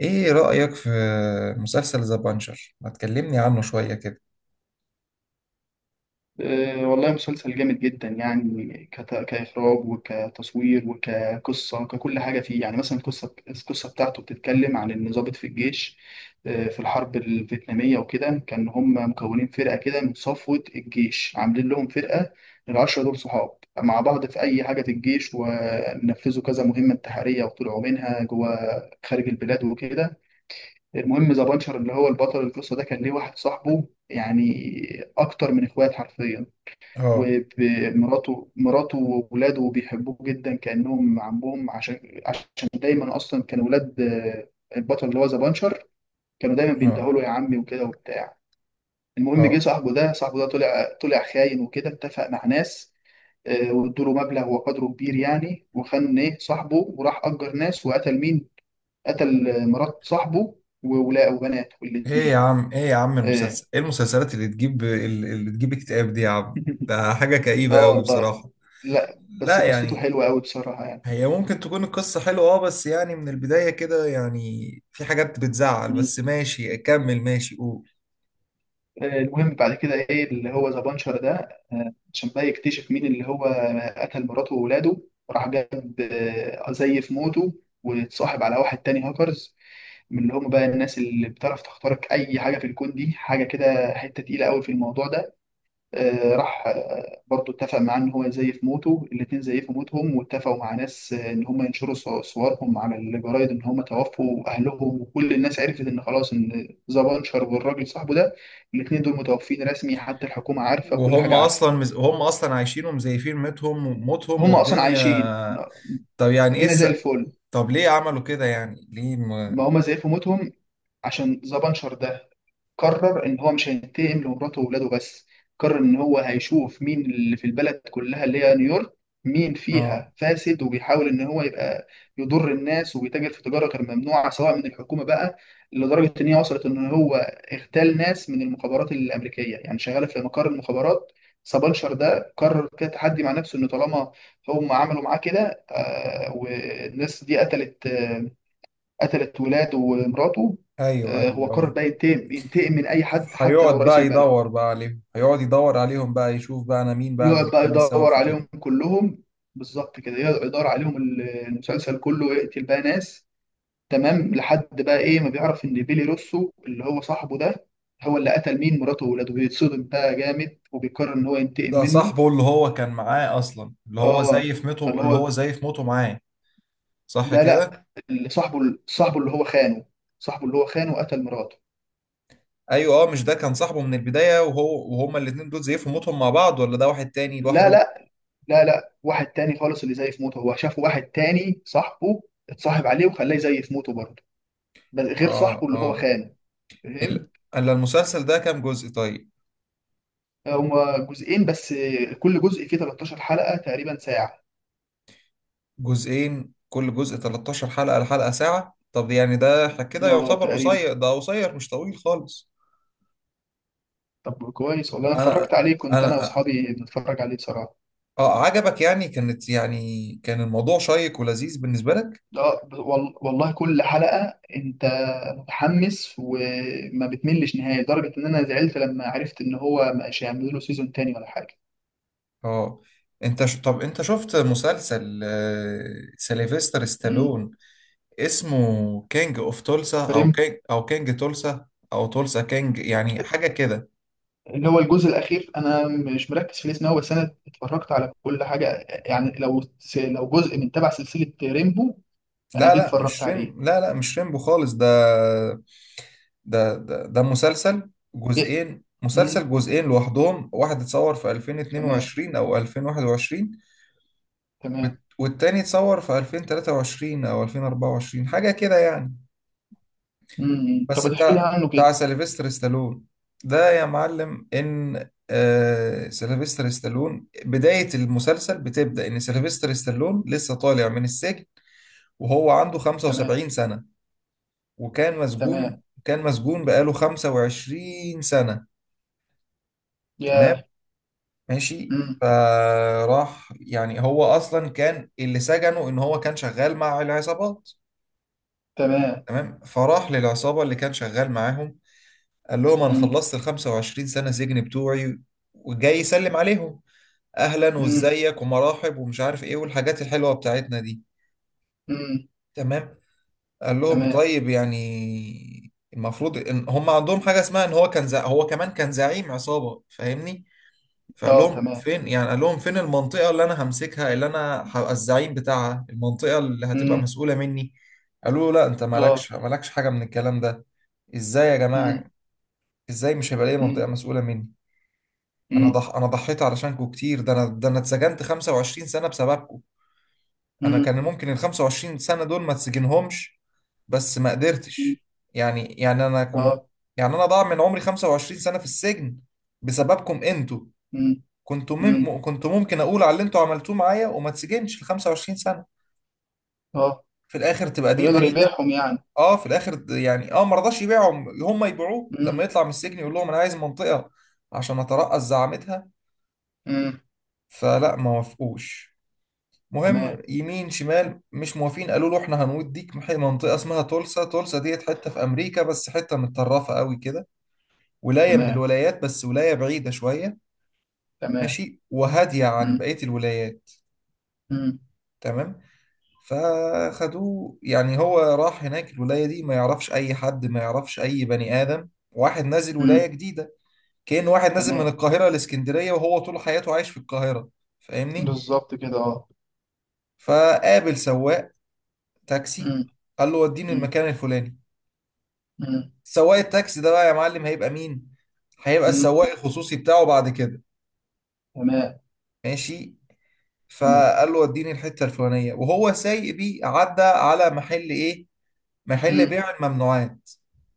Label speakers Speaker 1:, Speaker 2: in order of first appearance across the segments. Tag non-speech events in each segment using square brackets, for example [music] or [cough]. Speaker 1: ايه رأيك في مسلسل ذا بانشر؟ ما تكلمني عنه شوية كده.
Speaker 2: والله مسلسل جامد جدا يعني كإخراج وكتصوير وكقصة وككل حاجة فيه. يعني مثلا القصة، بتاعته بتتكلم عن إن ضابط في الجيش في الحرب الفيتنامية وكده. كان هم مكونين فرقة كده من صفوة الجيش، عاملين لهم فرقة العشرة دول صحاب مع بعض في أي حاجة في الجيش، ونفذوا كذا مهمة انتحارية وطلعوا منها جوه خارج البلاد وكده. المهم، ذا بانشر اللي هو البطل القصة ده كان ليه واحد صاحبه يعني أكتر من إخوات حرفيا.
Speaker 1: اه.
Speaker 2: ومراته، وولاده بيحبوه جدا كأنهم عمهم، عشان دايما أصلا كانوا ولاد البطل اللي هو ذا بانشر كانوا دايما
Speaker 1: اه.
Speaker 2: بينتهوا له يا عمي وكده وبتاع. المهم، جه
Speaker 1: اه.
Speaker 2: صاحبه ده، طلع، خاين وكده، اتفق مع ناس وادوا له مبلغ وقدره كبير يعني، وخان ايه صاحبه وراح أجر ناس وقتل مين؟ قتل مرات صاحبه وولاده وبناته
Speaker 1: ايه يا
Speaker 2: الاتنين.
Speaker 1: عم، ايه يا عم المسلسل،
Speaker 2: اه.
Speaker 1: ايه المسلسلات اللي تجيب اكتئاب دي يا عم؟
Speaker 2: [laughs]
Speaker 1: ده حاجة كئيبة
Speaker 2: آه
Speaker 1: قوي
Speaker 2: والله.
Speaker 1: بصراحة.
Speaker 2: لا
Speaker 1: لا
Speaker 2: بس قصته
Speaker 1: يعني،
Speaker 2: حلوة قوي بصراحة.
Speaker 1: هي ممكن تكون القصة حلوة اه، بس يعني من البداية كده يعني في حاجات بتزعل. بس
Speaker 2: يعني
Speaker 1: ماشي اكمل، ماشي قول.
Speaker 2: المهم بعد كده ايه اللي هو ذا بانشر ده عشان بقى يكتشف مين اللي هو قتل مراته وولاده. راح جاب زيف موته واتصاحب على واحد تاني هاكرز، من اللي هم بقى الناس اللي بتعرف تخترق اي حاجه في الكون، دي حاجه كده حته تقيله قوي في الموضوع ده. راح برضو اتفق معاه ان هو يزيف موته. الاتنين زيفوا موتهم، واتفقوا مع ناس ان هم ينشروا صورهم على الجرايد ان هم توفوا اهلهم. وكل الناس عرفت ان خلاص ان ذا بانشر والراجل صاحبه ده، الاتنين دول متوفين رسمي، حتى الحكومة عارفة كل حاجة عارفة.
Speaker 1: هم اصلا عايشين ومزيفين ميتهم وموتهم
Speaker 2: هم اصلا عايشين،
Speaker 1: والدنيا. طب يعني ايه
Speaker 2: الدنيا
Speaker 1: الس...
Speaker 2: زي الفل.
Speaker 1: طب ليه عملوا كده؟ يعني ليه ما...
Speaker 2: ما هم زيفوا موتهم عشان ذا بانشر ده قرر ان هو مش هينتقم لمراته واولاده بس، قرر ان هو هيشوف مين اللي في البلد كلها اللي هي نيويورك مين فيها
Speaker 1: اه.
Speaker 2: فاسد وبيحاول ان هو يبقى يضر الناس وبيتاجر في تجاره غير ممنوعه سواء من الحكومه بقى. لدرجه ان هي وصلت ان هو اغتال ناس من المخابرات الامريكيه، يعني شغاله في مقر المخابرات. سبانشر ده قرر كده تحدي مع نفسه ان طالما هم عملوا معاه كده والناس دي قتلت، قتلت ولاده ومراته،
Speaker 1: ايوه ايوه
Speaker 2: هو قرر
Speaker 1: اه.
Speaker 2: بقى ينتقم، من اي حد حتى لو رئيس البلد.
Speaker 1: هيقعد يدور عليهم بقى، يشوف بقى انا مين بقى
Speaker 2: يقعد
Speaker 1: اللي
Speaker 2: بقى
Speaker 1: كان السبب
Speaker 2: يدور
Speaker 1: في
Speaker 2: عليهم
Speaker 1: كده.
Speaker 2: كلهم، بالظبط كده. يقعد يدور عليهم، المسلسل كله، ويقتل بقى ناس تمام. لحد بقى ايه ما بيعرف ان بيلي روسو اللي هو صاحبه ده هو اللي قتل مين، مراته وولاده، بيتصدم بقى جامد وبيقرر ان هو ينتقم
Speaker 1: ده
Speaker 2: منه.
Speaker 1: صاحبه اللي هو كان معاه اصلا،
Speaker 2: اه، اللي
Speaker 1: اللي
Speaker 2: هو،
Speaker 1: هو زي في موته معاه، صح
Speaker 2: لا لا،
Speaker 1: كده؟
Speaker 2: اللي صاحبه، اللي هو خانه، صاحبه اللي هو خانه قتل مراته.
Speaker 1: ايوه اه، مش ده كان صاحبه من البداية وهو وهما الاتنين دول زي في موتهم مع بعض؟ ولا ده واحد تاني
Speaker 2: لا
Speaker 1: لوحده؟
Speaker 2: لا. لا لا، واحد تاني خالص. اللي زي في موته هو شاف واحد تاني صاحبه، اتصاحب عليه وخلاه زي في موته برضه، بس غير صاحبه
Speaker 1: اه
Speaker 2: اللي هو
Speaker 1: اه.
Speaker 2: خانه. فاهم.
Speaker 1: ال- الا المسلسل ده كام جزء طيب؟
Speaker 2: هما جزئين بس، كل جزء فيه 13 حلقة تقريبا ساعة.
Speaker 1: جزئين، كل جزء 13 حلقة، الحلقة ساعة. طب يعني ده كده
Speaker 2: اه
Speaker 1: يعتبر
Speaker 2: تقريبا.
Speaker 1: قصير، ده قصير مش طويل خالص.
Speaker 2: طب كويس، والله انا اتفرجت
Speaker 1: انا
Speaker 2: عليه، كنت انا
Speaker 1: انا
Speaker 2: واصحابي بنتفرج عليه بصراحة.
Speaker 1: اه، عجبك يعني؟ كانت يعني كان الموضوع شيق ولذيذ بالنسبة لك؟
Speaker 2: اه، والله كل حلقة انت متحمس وما بتملش نهائي، لدرجة ان انا زعلت لما عرفت ان هو مش هيعملوا له سيزون تاني ولا حاجة.
Speaker 1: اه طب انت شفت مسلسل سيلفستر
Speaker 2: امم.
Speaker 1: ستالون اسمه كينج اوف تولسا، او
Speaker 2: فاهم،
Speaker 1: كينج تولسا، او تولسا كينج، يعني حاجة كده؟
Speaker 2: اللي هو الجزء الأخير أنا مش مركز في الاسم أوي، بس أنا اتفرجت على كل حاجة. يعني لو لو جزء من تبع سلسلة ريمبو أنا
Speaker 1: لا
Speaker 2: جيت
Speaker 1: لا،
Speaker 2: اتفرجت
Speaker 1: مش
Speaker 2: عليه.
Speaker 1: ريم لا لا مش ريمبو خالص ده. ده مسلسل
Speaker 2: إيه؟
Speaker 1: جزئين،
Speaker 2: مم.
Speaker 1: مسلسل جزئين لوحدهم، واحد اتصور في
Speaker 2: تمام.
Speaker 1: 2022 او 2021،
Speaker 2: تمام.
Speaker 1: والتاني اتصور في 2023 او 2024 حاجه كده يعني.
Speaker 2: مم.
Speaker 1: بس
Speaker 2: طب تحكي لي
Speaker 1: بتاع
Speaker 2: عنه
Speaker 1: بتاع
Speaker 2: كده.
Speaker 1: سيلفستر ستالون. ده يا معلم، ان سيلفستر ستالون بدايه المسلسل بتبدا ان سيلفستر ستالون لسه طالع من السجن، وهو عنده
Speaker 2: تمام.
Speaker 1: 75 سنه، وكان
Speaker 2: تمام.
Speaker 1: مسجون، كان مسجون بقاله 25 سنه.
Speaker 2: ياه.
Speaker 1: تمام، ماشي.
Speaker 2: مم.
Speaker 1: فراح يعني، هو اصلا كان اللي سجنه ان هو كان شغال مع العصابات.
Speaker 2: تمام.
Speaker 1: تمام. فراح للعصابة اللي كان شغال معاهم، قال لهم أنا
Speaker 2: مم.
Speaker 1: خلصت ال 25 سنة سجن بتوعي وجاي يسلم عليهم، أهلا
Speaker 2: مم.
Speaker 1: وإزيك ومراحب ومش عارف إيه والحاجات الحلوة بتاعتنا دي.
Speaker 2: مم.
Speaker 1: تمام. قال لهم
Speaker 2: تمام
Speaker 1: طيب، يعني المفروض إن هم عندهم حاجة اسمها إن هو كان زع... هو كمان كان زعيم عصابة، فاهمني؟ فقال
Speaker 2: اه
Speaker 1: لهم
Speaker 2: تمام
Speaker 1: فين، يعني قال لهم فين المنطقة اللي أنا همسكها، اللي أنا هبقى الزعيم بتاعها، المنطقة اللي هتبقى
Speaker 2: مم.
Speaker 1: مسؤولة مني. قالوا له لا، أنت
Speaker 2: اه
Speaker 1: مالكش حاجة من الكلام ده. ازاي يا
Speaker 2: مم.
Speaker 1: جماعة؟ ازاي مش هيبقى ليا منطقة
Speaker 2: مم.
Speaker 1: مسؤولة مني؟
Speaker 2: مم.
Speaker 1: انا ضحيت علشانكم كتير، ده انا اتسجنت 25 سنة بسببكم. انا
Speaker 2: مم.
Speaker 1: كان ممكن ال 25 سنة دول ما اتسجنهمش، بس ما
Speaker 2: مم.
Speaker 1: قدرتش. يعني يعني انا كنت،
Speaker 2: اه.
Speaker 1: يعني انا ضاع من عمري 25 سنة في السجن بسببكم انتوا.
Speaker 2: مم. مم.
Speaker 1: كنت ممكن اقول على اللي انتوا عملتوه معايا وما اتسجنش ال 25 سنة.
Speaker 2: اه.
Speaker 1: في الاخر تبقى دي
Speaker 2: بيقدر
Speaker 1: نهاية.
Speaker 2: يبيعهم يعني.
Speaker 1: اه، في الاخر يعني اه، ما رضاش يبيعهم، هم يبيعوه. لما
Speaker 2: مم.
Speaker 1: يطلع من السجن يقول لهم انا عايز منطقة عشان اترأس زعامتها،
Speaker 2: مم.
Speaker 1: فلا، ما وافقوش.
Speaker 2: تمام.
Speaker 1: مهم يمين شمال مش موافقين، قالوا له احنا هنوديك منطقة اسمها تولسا. تولسا ديت حتة في أمريكا، بس حتة متطرفة قوي كده، ولاية من
Speaker 2: تمام.
Speaker 1: الولايات، بس ولاية بعيدة شوية،
Speaker 2: تمام.
Speaker 1: ماشي، وهادية عن
Speaker 2: مم.
Speaker 1: بقية الولايات.
Speaker 2: مم.
Speaker 1: تمام. فخدوه، يعني هو راح هناك الولاية دي ما يعرفش أي حد، ما يعرفش أي بني آدم، واحد نازل ولاية
Speaker 2: مم.
Speaker 1: جديدة، كأن واحد نازل من
Speaker 2: تمام.
Speaker 1: القاهرة لإسكندرية وهو طول حياته عايش في القاهرة، فاهمني؟
Speaker 2: بالظبط كده، اه.
Speaker 1: فقابل سواق تاكسي،
Speaker 2: مم.
Speaker 1: قال له وديني
Speaker 2: مم.
Speaker 1: المكان الفلاني.
Speaker 2: مم.
Speaker 1: سواق التاكسي ده بقى يا معلم هيبقى مين؟ هيبقى
Speaker 2: مم.
Speaker 1: السواق الخصوصي بتاعه بعد كده.
Speaker 2: تمام.
Speaker 1: ماشي.
Speaker 2: تمام.
Speaker 1: فقال له وديني الحتة الفلانية، وهو سايق بيه عدى على محل ايه؟ محل
Speaker 2: مم.
Speaker 1: بيع الممنوعات،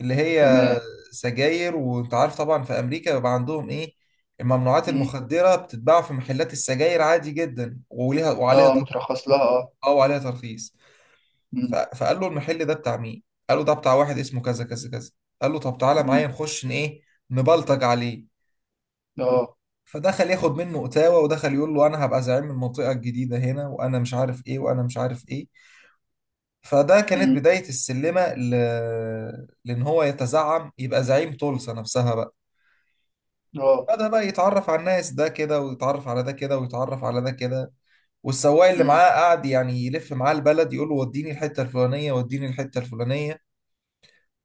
Speaker 1: اللي هي
Speaker 2: تمام.
Speaker 1: سجاير. وانت عارف طبعا في امريكا بيبقى عندهم ايه، الممنوعات
Speaker 2: مم.
Speaker 1: المخدرة بتتباع في محلات السجاير عادي جدا، وليها وعليها
Speaker 2: اه مترخص لها، اه.
Speaker 1: اه وعليها ترخيص.
Speaker 2: مم.
Speaker 1: فقال له المحل ده بتاع مين؟ قال له ده بتاع واحد اسمه كذا كذا كذا. قال له طب تعالى
Speaker 2: مم.
Speaker 1: معايا نخش ايه، نبلطج عليه.
Speaker 2: اه.
Speaker 1: فدخل ياخد منه اتاوه، ودخل يقول له انا هبقى زعيم المنطقه الجديده هنا، وانا مش عارف ايه وانا مش عارف ايه. فده كانت
Speaker 2: مم.
Speaker 1: بدايه السلمه لان هو يتزعم، يبقى زعيم طلسه نفسها بقى.
Speaker 2: اه.
Speaker 1: بدأ بقى يتعرف على الناس ده كده، ويتعرف على ده كده، ويتعرف على ده كده. والسواق اللي
Speaker 2: مم.
Speaker 1: معاه قعد يعني يلف معاه البلد، يقول له وديني الحته الفلانيه، وديني الحته الفلانيه.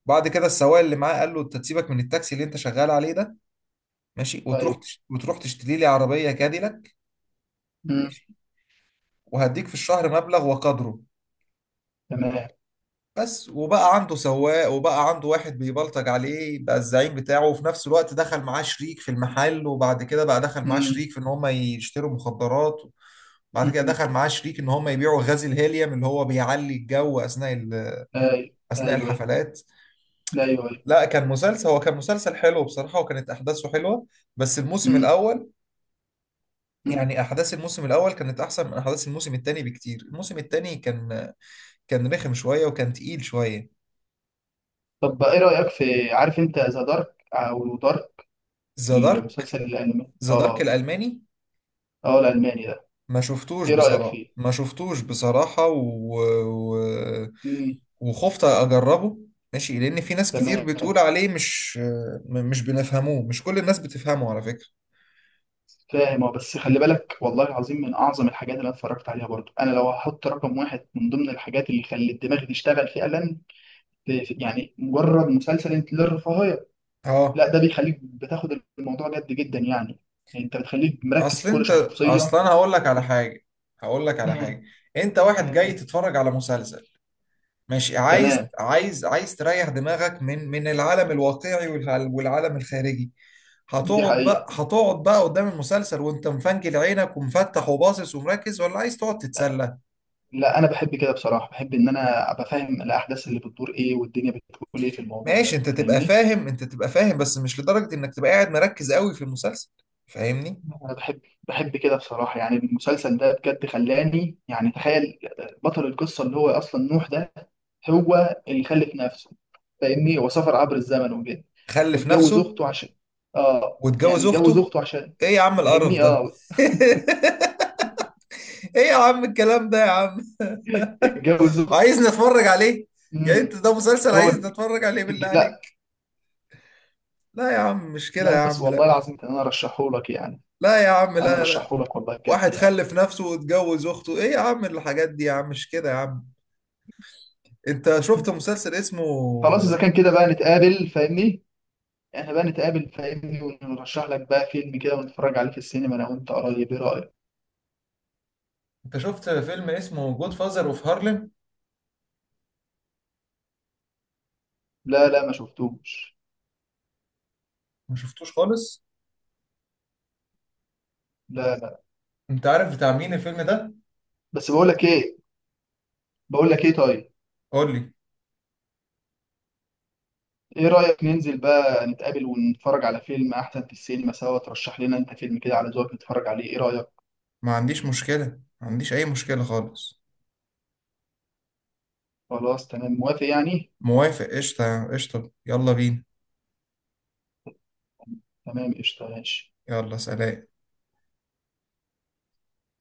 Speaker 1: بعد كده السواق اللي معاه قال له انت تسيبك من التاكسي اللي انت شغال عليه ده، ماشي،
Speaker 2: ايوه.
Speaker 1: وتروح تشتري لي عربيه كاديلاك،
Speaker 2: مم.
Speaker 1: ماشي، وهديك في الشهر مبلغ وقدره.
Speaker 2: تمام.
Speaker 1: بس، وبقى عنده سواق، وبقى عنده واحد بيبلطج عليه، بقى الزعيم بتاعه. وفي نفس الوقت دخل معاه شريك في المحل، وبعد كده بقى دخل معاه
Speaker 2: مم.
Speaker 1: شريك في ان هم يشتروا مخدرات. بعد كده
Speaker 2: مم.
Speaker 1: دخل معاه شريك ان هم يبيعوا غاز الهيليوم اللي هو بيعلي الجو اثناء
Speaker 2: ايوه
Speaker 1: اثناء
Speaker 2: ايوه.
Speaker 1: الحفلات.
Speaker 2: ايوه ايوه.
Speaker 1: لا، كان مسلسل، هو كان مسلسل حلو بصراحه، وكانت احداثه حلوه، بس الموسم
Speaker 2: مم.
Speaker 1: الاول.
Speaker 2: مم.
Speaker 1: يعني احداث الموسم الاول كانت احسن من احداث الموسم الثاني بكتير، الموسم الثاني كان، كان رخم شويه وكان تقيل شويه.
Speaker 2: طب ايه رأيك في، عارف انت ذا دارك او دارك،
Speaker 1: ذا دارك.
Speaker 2: المسلسل الالماني؟
Speaker 1: ذا دارك
Speaker 2: اه،
Speaker 1: الالماني؟
Speaker 2: اه الالماني ده.
Speaker 1: ما شفتوش
Speaker 2: ايه رأيك
Speaker 1: بصراحه،
Speaker 2: فيه؟
Speaker 1: ما شفتوش بصراحه و...
Speaker 2: مم.
Speaker 1: وخفت اجربه، ماشي، لان في ناس كتير
Speaker 2: تمام.
Speaker 1: بتقول عليه مش، مش بنفهموه، مش كل الناس بتفهمه على فكره.
Speaker 2: فاهم. اه بس خلي بالك، والله العظيم من اعظم الحاجات اللي انا اتفرجت عليها برضو. انا لو هحط رقم واحد من ضمن الحاجات اللي خلت الدماغ تشتغل فعلا، يعني مجرد مسلسل انت للرفاهيه، لا
Speaker 1: اه.
Speaker 2: ده بيخليك بتاخد الموضوع جد جدا يعني. يعني انت بتخليك مركز
Speaker 1: اصل
Speaker 2: في كل
Speaker 1: انت،
Speaker 2: شخصيه
Speaker 1: اصلا انا هقول لك على
Speaker 2: و-
Speaker 1: حاجه، هقول لك على
Speaker 2: مم.
Speaker 1: حاجه انت واحد جاي
Speaker 2: مم.
Speaker 1: تتفرج على مسلسل، مش عايز،
Speaker 2: تمام.
Speaker 1: عايز تريح دماغك من العالم الواقعي والعالم الخارجي.
Speaker 2: دي حقيقه.
Speaker 1: هتقعد بقى قدام المسلسل وانت مفنجل عينك ومفتح وباصص ومركز، ولا عايز تقعد تتسلى؟
Speaker 2: لا انا بحب كده بصراحه، بحب ان انا ابقى فاهم الاحداث اللي بتدور ايه والدنيا بتقول ايه في الموضوع
Speaker 1: ماشي،
Speaker 2: ده،
Speaker 1: انت تبقى
Speaker 2: فاهمني؟
Speaker 1: فاهم، انت تبقى فاهم، بس مش لدرجة انك تبقى قاعد مركز قوي في المسلسل، فاهمني؟
Speaker 2: انا بحب، كده بصراحه. يعني المسلسل ده بجد خلاني، يعني تخيل بطل القصه اللي هو اصلا نوح ده هو اللي خلف نفسه. فاهمني، هو سافر عبر الزمن وكده
Speaker 1: خلف
Speaker 2: واتجوز
Speaker 1: نفسه
Speaker 2: اخته عشان، اه يعني
Speaker 1: واتجوز
Speaker 2: اتجوز
Speaker 1: اخته؟
Speaker 2: اخته عشان.
Speaker 1: ايه يا عم القرف
Speaker 2: فاهمني،
Speaker 1: ده!
Speaker 2: اه.
Speaker 1: [laughs] ايه يا عم الكلام ده يا عم!
Speaker 2: اتجوز اخته.
Speaker 1: عايز نتفرج عليه؟ يعني انت
Speaker 2: امم.
Speaker 1: ده مسلسل
Speaker 2: هو
Speaker 1: عايز نتفرج عليه بالله
Speaker 2: لا،
Speaker 1: عليك؟ لا يا عم، مش كده يا
Speaker 2: لا بس
Speaker 1: عم،
Speaker 2: والله
Speaker 1: لا.
Speaker 2: العظيم كان انا ارشحهولك يعني.
Speaker 1: لا يا عم،
Speaker 2: انا
Speaker 1: لا. لا،
Speaker 2: ارشحهولك، والله بجد
Speaker 1: واحد
Speaker 2: يعني.
Speaker 1: خلف نفسه واتجوز اخته، ايه يا عم الحاجات دي يا عم، مش كده يا عم. انت شفت مسلسل اسمه،
Speaker 2: خلاص، اذا كان كده بقى نتقابل، فاهمني، احنا بقى نتقابل، فاهمني، ونرشح لك بقى فيلم كده ونتفرج عليه في السينما انا وانت قريب. ايه رايك؟
Speaker 1: انت شفت فيلم اسمه جود فازر اوف هارلم؟
Speaker 2: لا لا ما شفتوش.
Speaker 1: ما شفتوش خالص؟
Speaker 2: لا لا.
Speaker 1: انت عارف بتاع مين الفيلم ده؟
Speaker 2: بس بقول لك ايه، بقول لك ايه طيب،
Speaker 1: قول لي.
Speaker 2: ايه رايك ننزل بقى نتقابل ونتفرج على فيلم احسن في السينما سوا، ترشح لنا انت فيلم كده على ذوقك نتفرج عليه. ايه رايك؟
Speaker 1: ما عنديش مشكلة، ما عنديش اي مشكلة خالص.
Speaker 2: خلاص تمام، موافق يعني.
Speaker 1: موافق، قشطة قشطة، يلا بينا.
Speaker 2: تمام قشطه، ماشي.
Speaker 1: يلا سلام.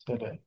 Speaker 2: سلام.